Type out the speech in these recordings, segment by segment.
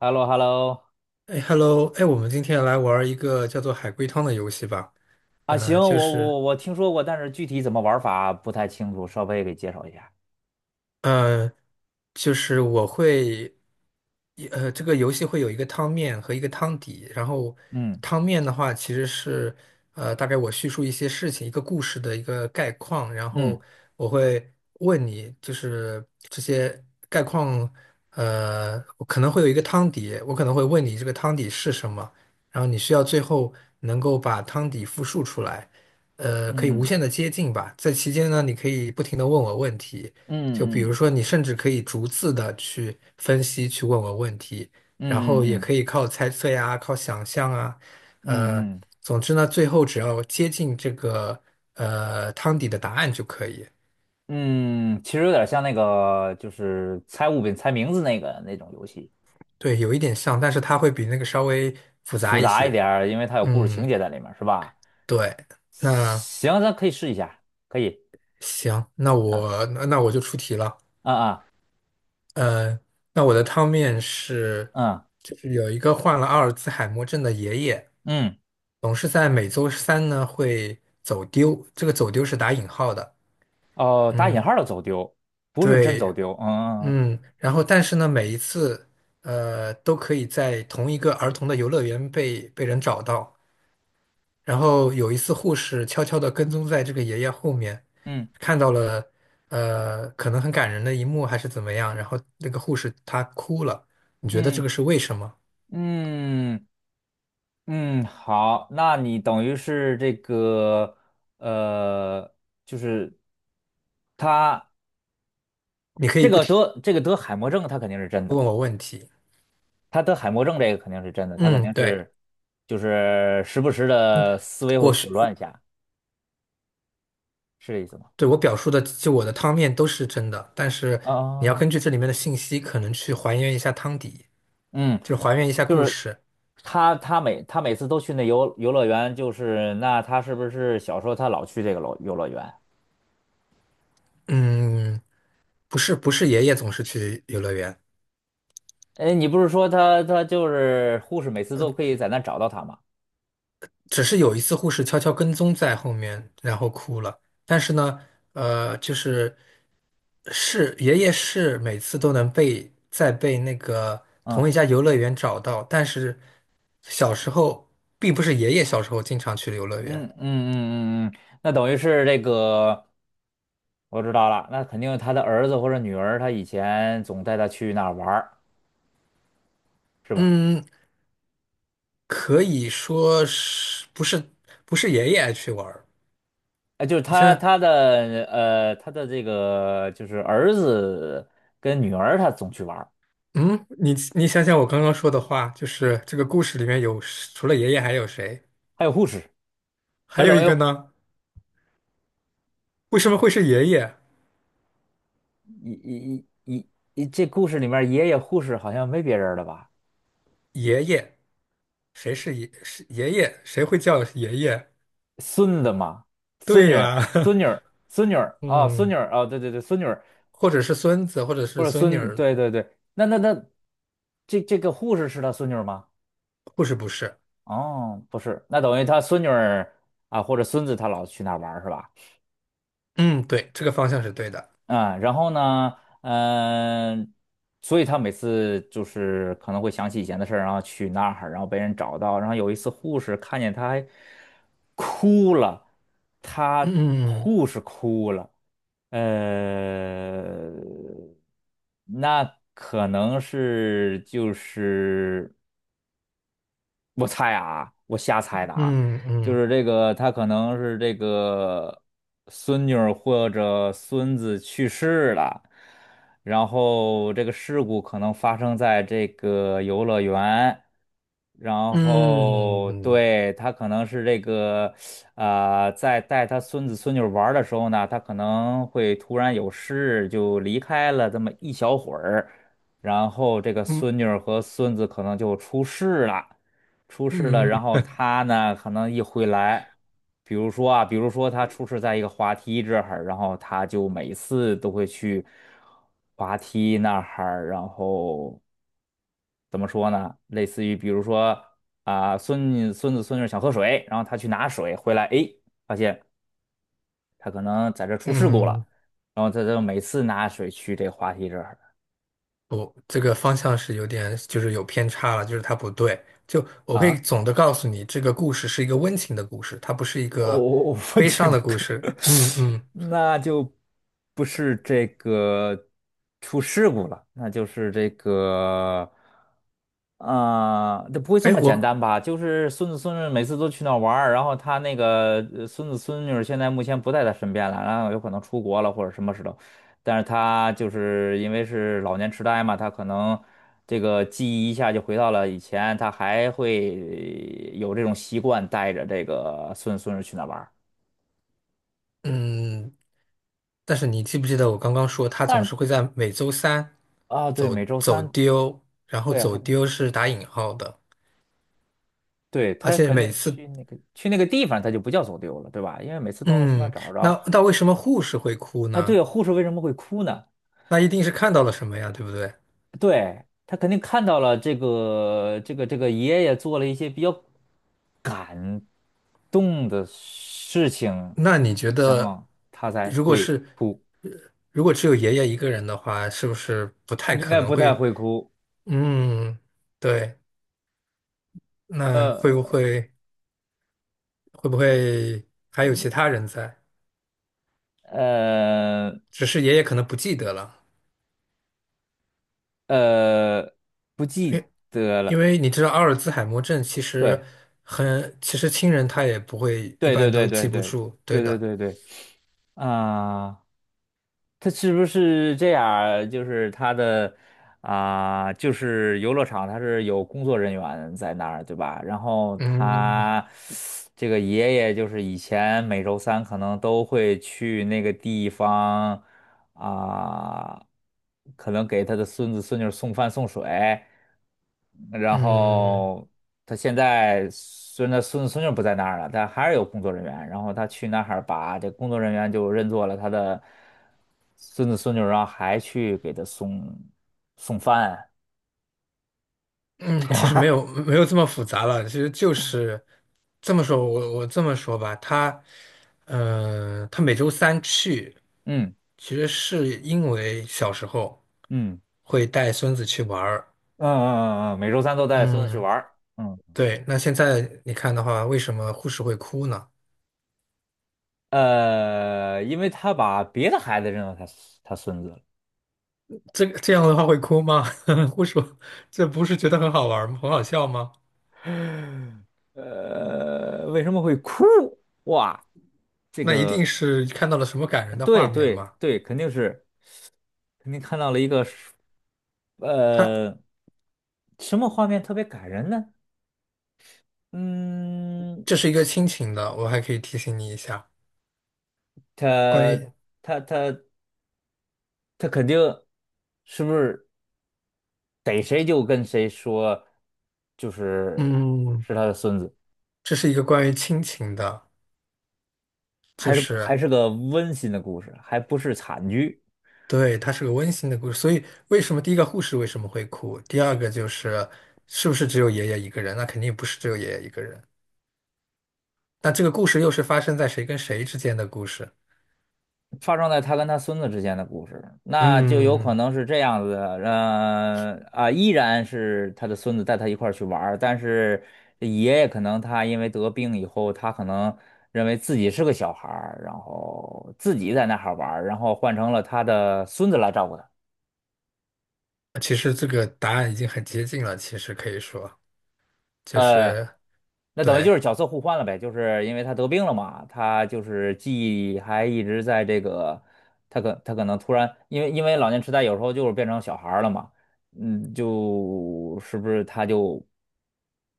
h e l l o h e l l o 哎，Hello，哎，我们今天来玩一个叫做海龟汤的游戏吧。啊，行，呃，我就是，我我听说过，但是具体怎么玩法不太清楚，稍微给介绍一下。呃，就是我会，呃，这个游戏会有一个汤面和一个汤底，然后嗯汤面的话其实是，大概我叙述一些事情、一个故事的一个概况，然嗯后我会问你，就是这些概况，我可能会有一个汤底，我可能会问你这个汤底是什么，然后你需要最后能够把汤底复述出来，可以无嗯限的接近吧，在期间呢，你可以不停的问我问题。嗯就比嗯如嗯说，你甚至可以逐字的去分析、去问我问题，然后也嗯可以靠猜测呀、靠想象啊，呃，嗯嗯总之呢，最后只要接近这个汤底的答案就可以。嗯嗯，其实有点像那个，就是猜物品、猜名字那个那种游戏，对，有一点像，但是它会比那个稍微复复杂一杂一些。点儿因为它有故事情嗯，节在里面，是吧？对。那行，咱可以试一下，可以。行，那啊我那那我就出题了。啊啊呃，那我的汤面是，嗯就是有一个患了阿尔兹海默症的爷爷。嗯，总是在每周三呢会走丢，这个走丢是打引号的。哦，打嗯，引号的走丢，不是真对。走丢。嗯嗯，然后但是呢，每一次都可以在同一个儿童的游乐园被人找到。然后有一次，护士悄悄地跟踪在这个爷爷后面，嗯看到了可能很感人的一幕还是怎么样，然后那个护士她哭了。你觉得这嗯个是为什么？嗯。嗯嗯，嗯，好，那你等于是这个，呃，就是他你可以这不个听。得这个得海默症，他肯定是真的，他得海默症这个肯定是真的，他肯嗯，定对。是就是时不时嗯，的思维会我是混乱一下，是这意思吗？对，我表述的，就我的汤面都是真的，但是你要啊，根据这里面的信息，可能去还原一下汤底，嗯，就是还原一下就故是事。他每次都去那游乐园，就是那他是不是小时候他老去这个游乐园？嗯，不是，不是爷爷总是去游乐园，哎，你不是说他就是护士每次都可以在那找到他吗？只是有一次护士悄悄跟踪在后面，然后哭了。但是呢，就是是爷爷是每次都能被在被那个同嗯。一家游乐园找到，但是小时候并不是爷爷小时候经常去游乐嗯园。嗯嗯嗯嗯，那等于是这个，我知道了，那肯定他的儿子或者女儿，他以前总带他去那儿玩儿，是吧？嗯，可以说是不是不是爷爷爱去玩儿？哎，就是你想他想，他的呃他的这个就是儿子跟女儿，他总去玩儿，嗯，你想想我刚刚说的话，就是这个故事里面有除了爷爷还有谁？还有护士，还他有等一于个呢？为什么会是爷爷？一一一一一这故事里面爷爷护士好像没别人了吧？爷爷，谁是爷？是爷爷？谁会叫爷爷？孙子嘛，孙女对呀，儿，孙女儿，孙女儿 啊，孙嗯，女儿啊，对对对，孙女儿。或者是孙子，或者或是者孙女孙，儿，对对对，那那那，这个护士是他孙女儿吗？不是不是？哦，不是，那等于他孙女儿啊，或者孙子，他老去那儿玩儿是吧？嗯，对，这个方向是对的。嗯，然后呢，嗯、所以他每次就是可能会想起以前的事儿，然后去那儿，然后被人找到，然后有一次护士看见他还哭了，他嗯护士哭了，呃，那可能是就是。我猜啊，我瞎猜的啊，嗯就嗯是这个，他可能是这个孙女儿或者孙子去世了，然后这个事故可能发生在这个游乐园，然嗯后嗯对，他可能是这个，在带他孙子孙女儿玩儿的时候呢，他可能会突然有事就离开了这么一小会儿，然后这个孙女嗯儿和孙子可能就出事了。出事了，嗯。然后他呢可能一回来，比如说他出事在一个滑梯这儿，然后他就每次都会去滑梯那儿，然后怎么说呢？类似于比如说啊，孙女孙子、孙女想喝水，然后他去拿水回来，诶，发现他可能在这儿出事故嗯，了，然后他就每次拿水去这滑梯这儿不，这个方向是有点，就是有偏差了，就是它不对。就我可以啊。总的告诉你，这个故事是一个温情的故事，它不是一哦，个我悲情伤的的故歌，事。嗯嗯，那就不是这个出事故了，那就是这个啊，不会这哎，么简单我吧？就是孙子孙女每次都去那儿玩儿然后他孙子孙女儿现在目前不在他身边了，然后有可能出国了或者什么时候，但是他就是因为是老年痴呆嘛，他可能这个记忆一下就回到了以前，他还会有这种习惯带着这个孙子孙女儿去那儿玩儿嗯，但是你记不记得我刚刚说，他但总是是会在每周三啊，对，走每周走三，丢，然后对，走还丢是打引号的，对而他且肯每定次去那个地方，他就不叫走丢了，对吧？因为每次都能从那儿嗯，找着。那那为什么护士会哭啊，呢？对，护士为什么会哭呢？那一定是看到了什么呀，对不对？对，他肯定看到了这个爷爷做了一些比较动的事情，那你觉然得，后他才如果会是？哭，如果只有爷爷一个人的话，是不是不太应可该能不太会？会哭。嗯，对，那会不呃会还有其他人在？呃只是爷爷可能不记得了，呃，不因记为得了。因为你知道阿尔兹海默症其实对很，其实亲人他也不会一对对般都对对记不对住，对对对的。对对啊。他是不是这样儿就是他的啊、就是游乐场，他是有工作人员在那儿，对吧？然后嗯他这个爷爷就是以前每周三可能都会去那个地方啊、可能给他的孙子孙女儿送饭送水，然嗯。后他现在虽然他孙子孙女不在那儿了，但还是有工作人员。然后他去那儿把这工作人员就认作了他的孙子孙女，然后还去给他送饭。嗯，其实没有这么复杂了，其实就是这么说，我这么说吧，他，嗯、他每周三去，嗯其实是因为小时候嗯会带孙子去玩儿，嗯嗯嗯嗯，每周三都带孙子去嗯，玩儿嗯对。那现在你看的话，为什么护士会哭呢？因为他把别的孩子认作他孙子了。这个这样的话会哭吗？护士，这不是觉得很好玩儿吗？很好笑吗？为什么会哭？哇，这那一定个。是看到了什么感人的对画面对吗？对，肯定是，肯定看到了一个是他呃，什么画面特别感人呢？嗯，这是一个亲情的，我还可以提醒你一下。他关于他他他肯定是不是逮谁就跟谁说，就是嗯，是他的孙子，这是一个关于亲情的，就还是是还是个温馨的故事，还不是惨剧。对，它是个温馨的故事。所以为什么第一个护士为什么会哭？第二个就是是不是只有爷爷一个人？那肯定不是只有爷爷一个人。那这个故事又是发生在谁跟谁之间的故事？发生在他跟他孙子之间的故事，那就有可嗯，能是这样子的，依然是他的孙子带他一块儿去玩儿，但是爷爷可能他因为得病以后，他可能认为自己是个小孩儿，然后自己在那哈玩儿，然后换成了他的孙子来照顾他。其实这个答案已经很接近了。其实可以说就呃，是那等于就对，是角色互换了呗，就是因为他得病了嘛，他就是记忆还一直在这个，他可能突然，因为老年痴呆有时候就是变成小孩儿了嘛，嗯，就是不是他就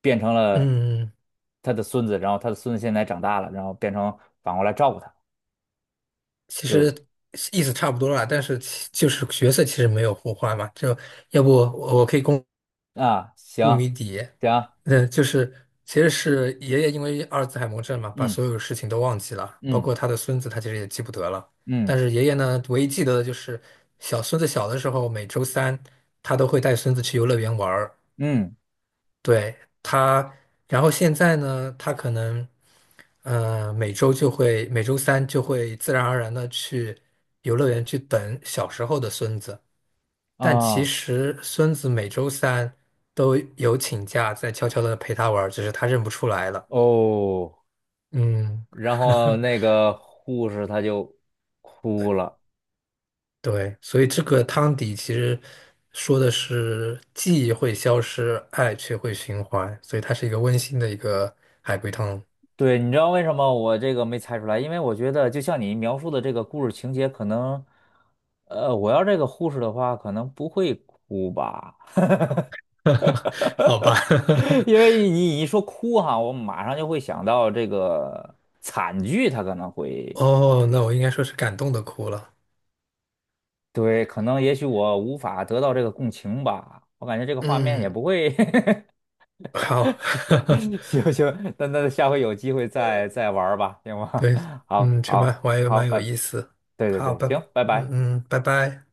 变成了嗯，他的孙子，然后他的孙子现在长大了，然后变成反过来照顾他，其实就意思差不多了，但是其就是角色其实没有互换嘛。就要不我可以公。啊，雾谜行底，行，嗯，就是其实是爷爷因为阿尔兹海默症嘛，把嗯所有事情都忘记了，包嗯括他的孙子，他其实也记不得了。嗯但是爷爷呢，唯一记得的就是小孙子小的时候，每周三他都会带孙子去游乐园玩儿。嗯对，他，然后现在呢，他可能，每周就会每周三就会自然而然的去游乐园去等小时候的孙子。但其啊实孙子每周三都有请假，在悄悄的陪他玩儿，只是他认不出来了。哦。嗯，然后那个护士她就哭了。对，所以这个汤底其实说的是记忆会消失，爱却会循环，所以它是一个温馨的一个海龟汤。对，你知道为什么我这个没猜出来？因为我觉得就像你描述的这个故事情节，可能，我要这个护士的话，可能不会哭吧。好吧，因 为你一说哭哈，我马上就会想到这个惨剧，它可能会，哦，那我应该说是感动的哭了。对，可能也许我无法得到这个共情吧，我感觉这个画面也嗯，不会 好，行 行，那下回有机会再玩儿吧，行吗？对，好，嗯，这好，蛮我也好，蛮有拜，意思。对对好，对，拜，行，拜拜。嗯嗯，拜拜。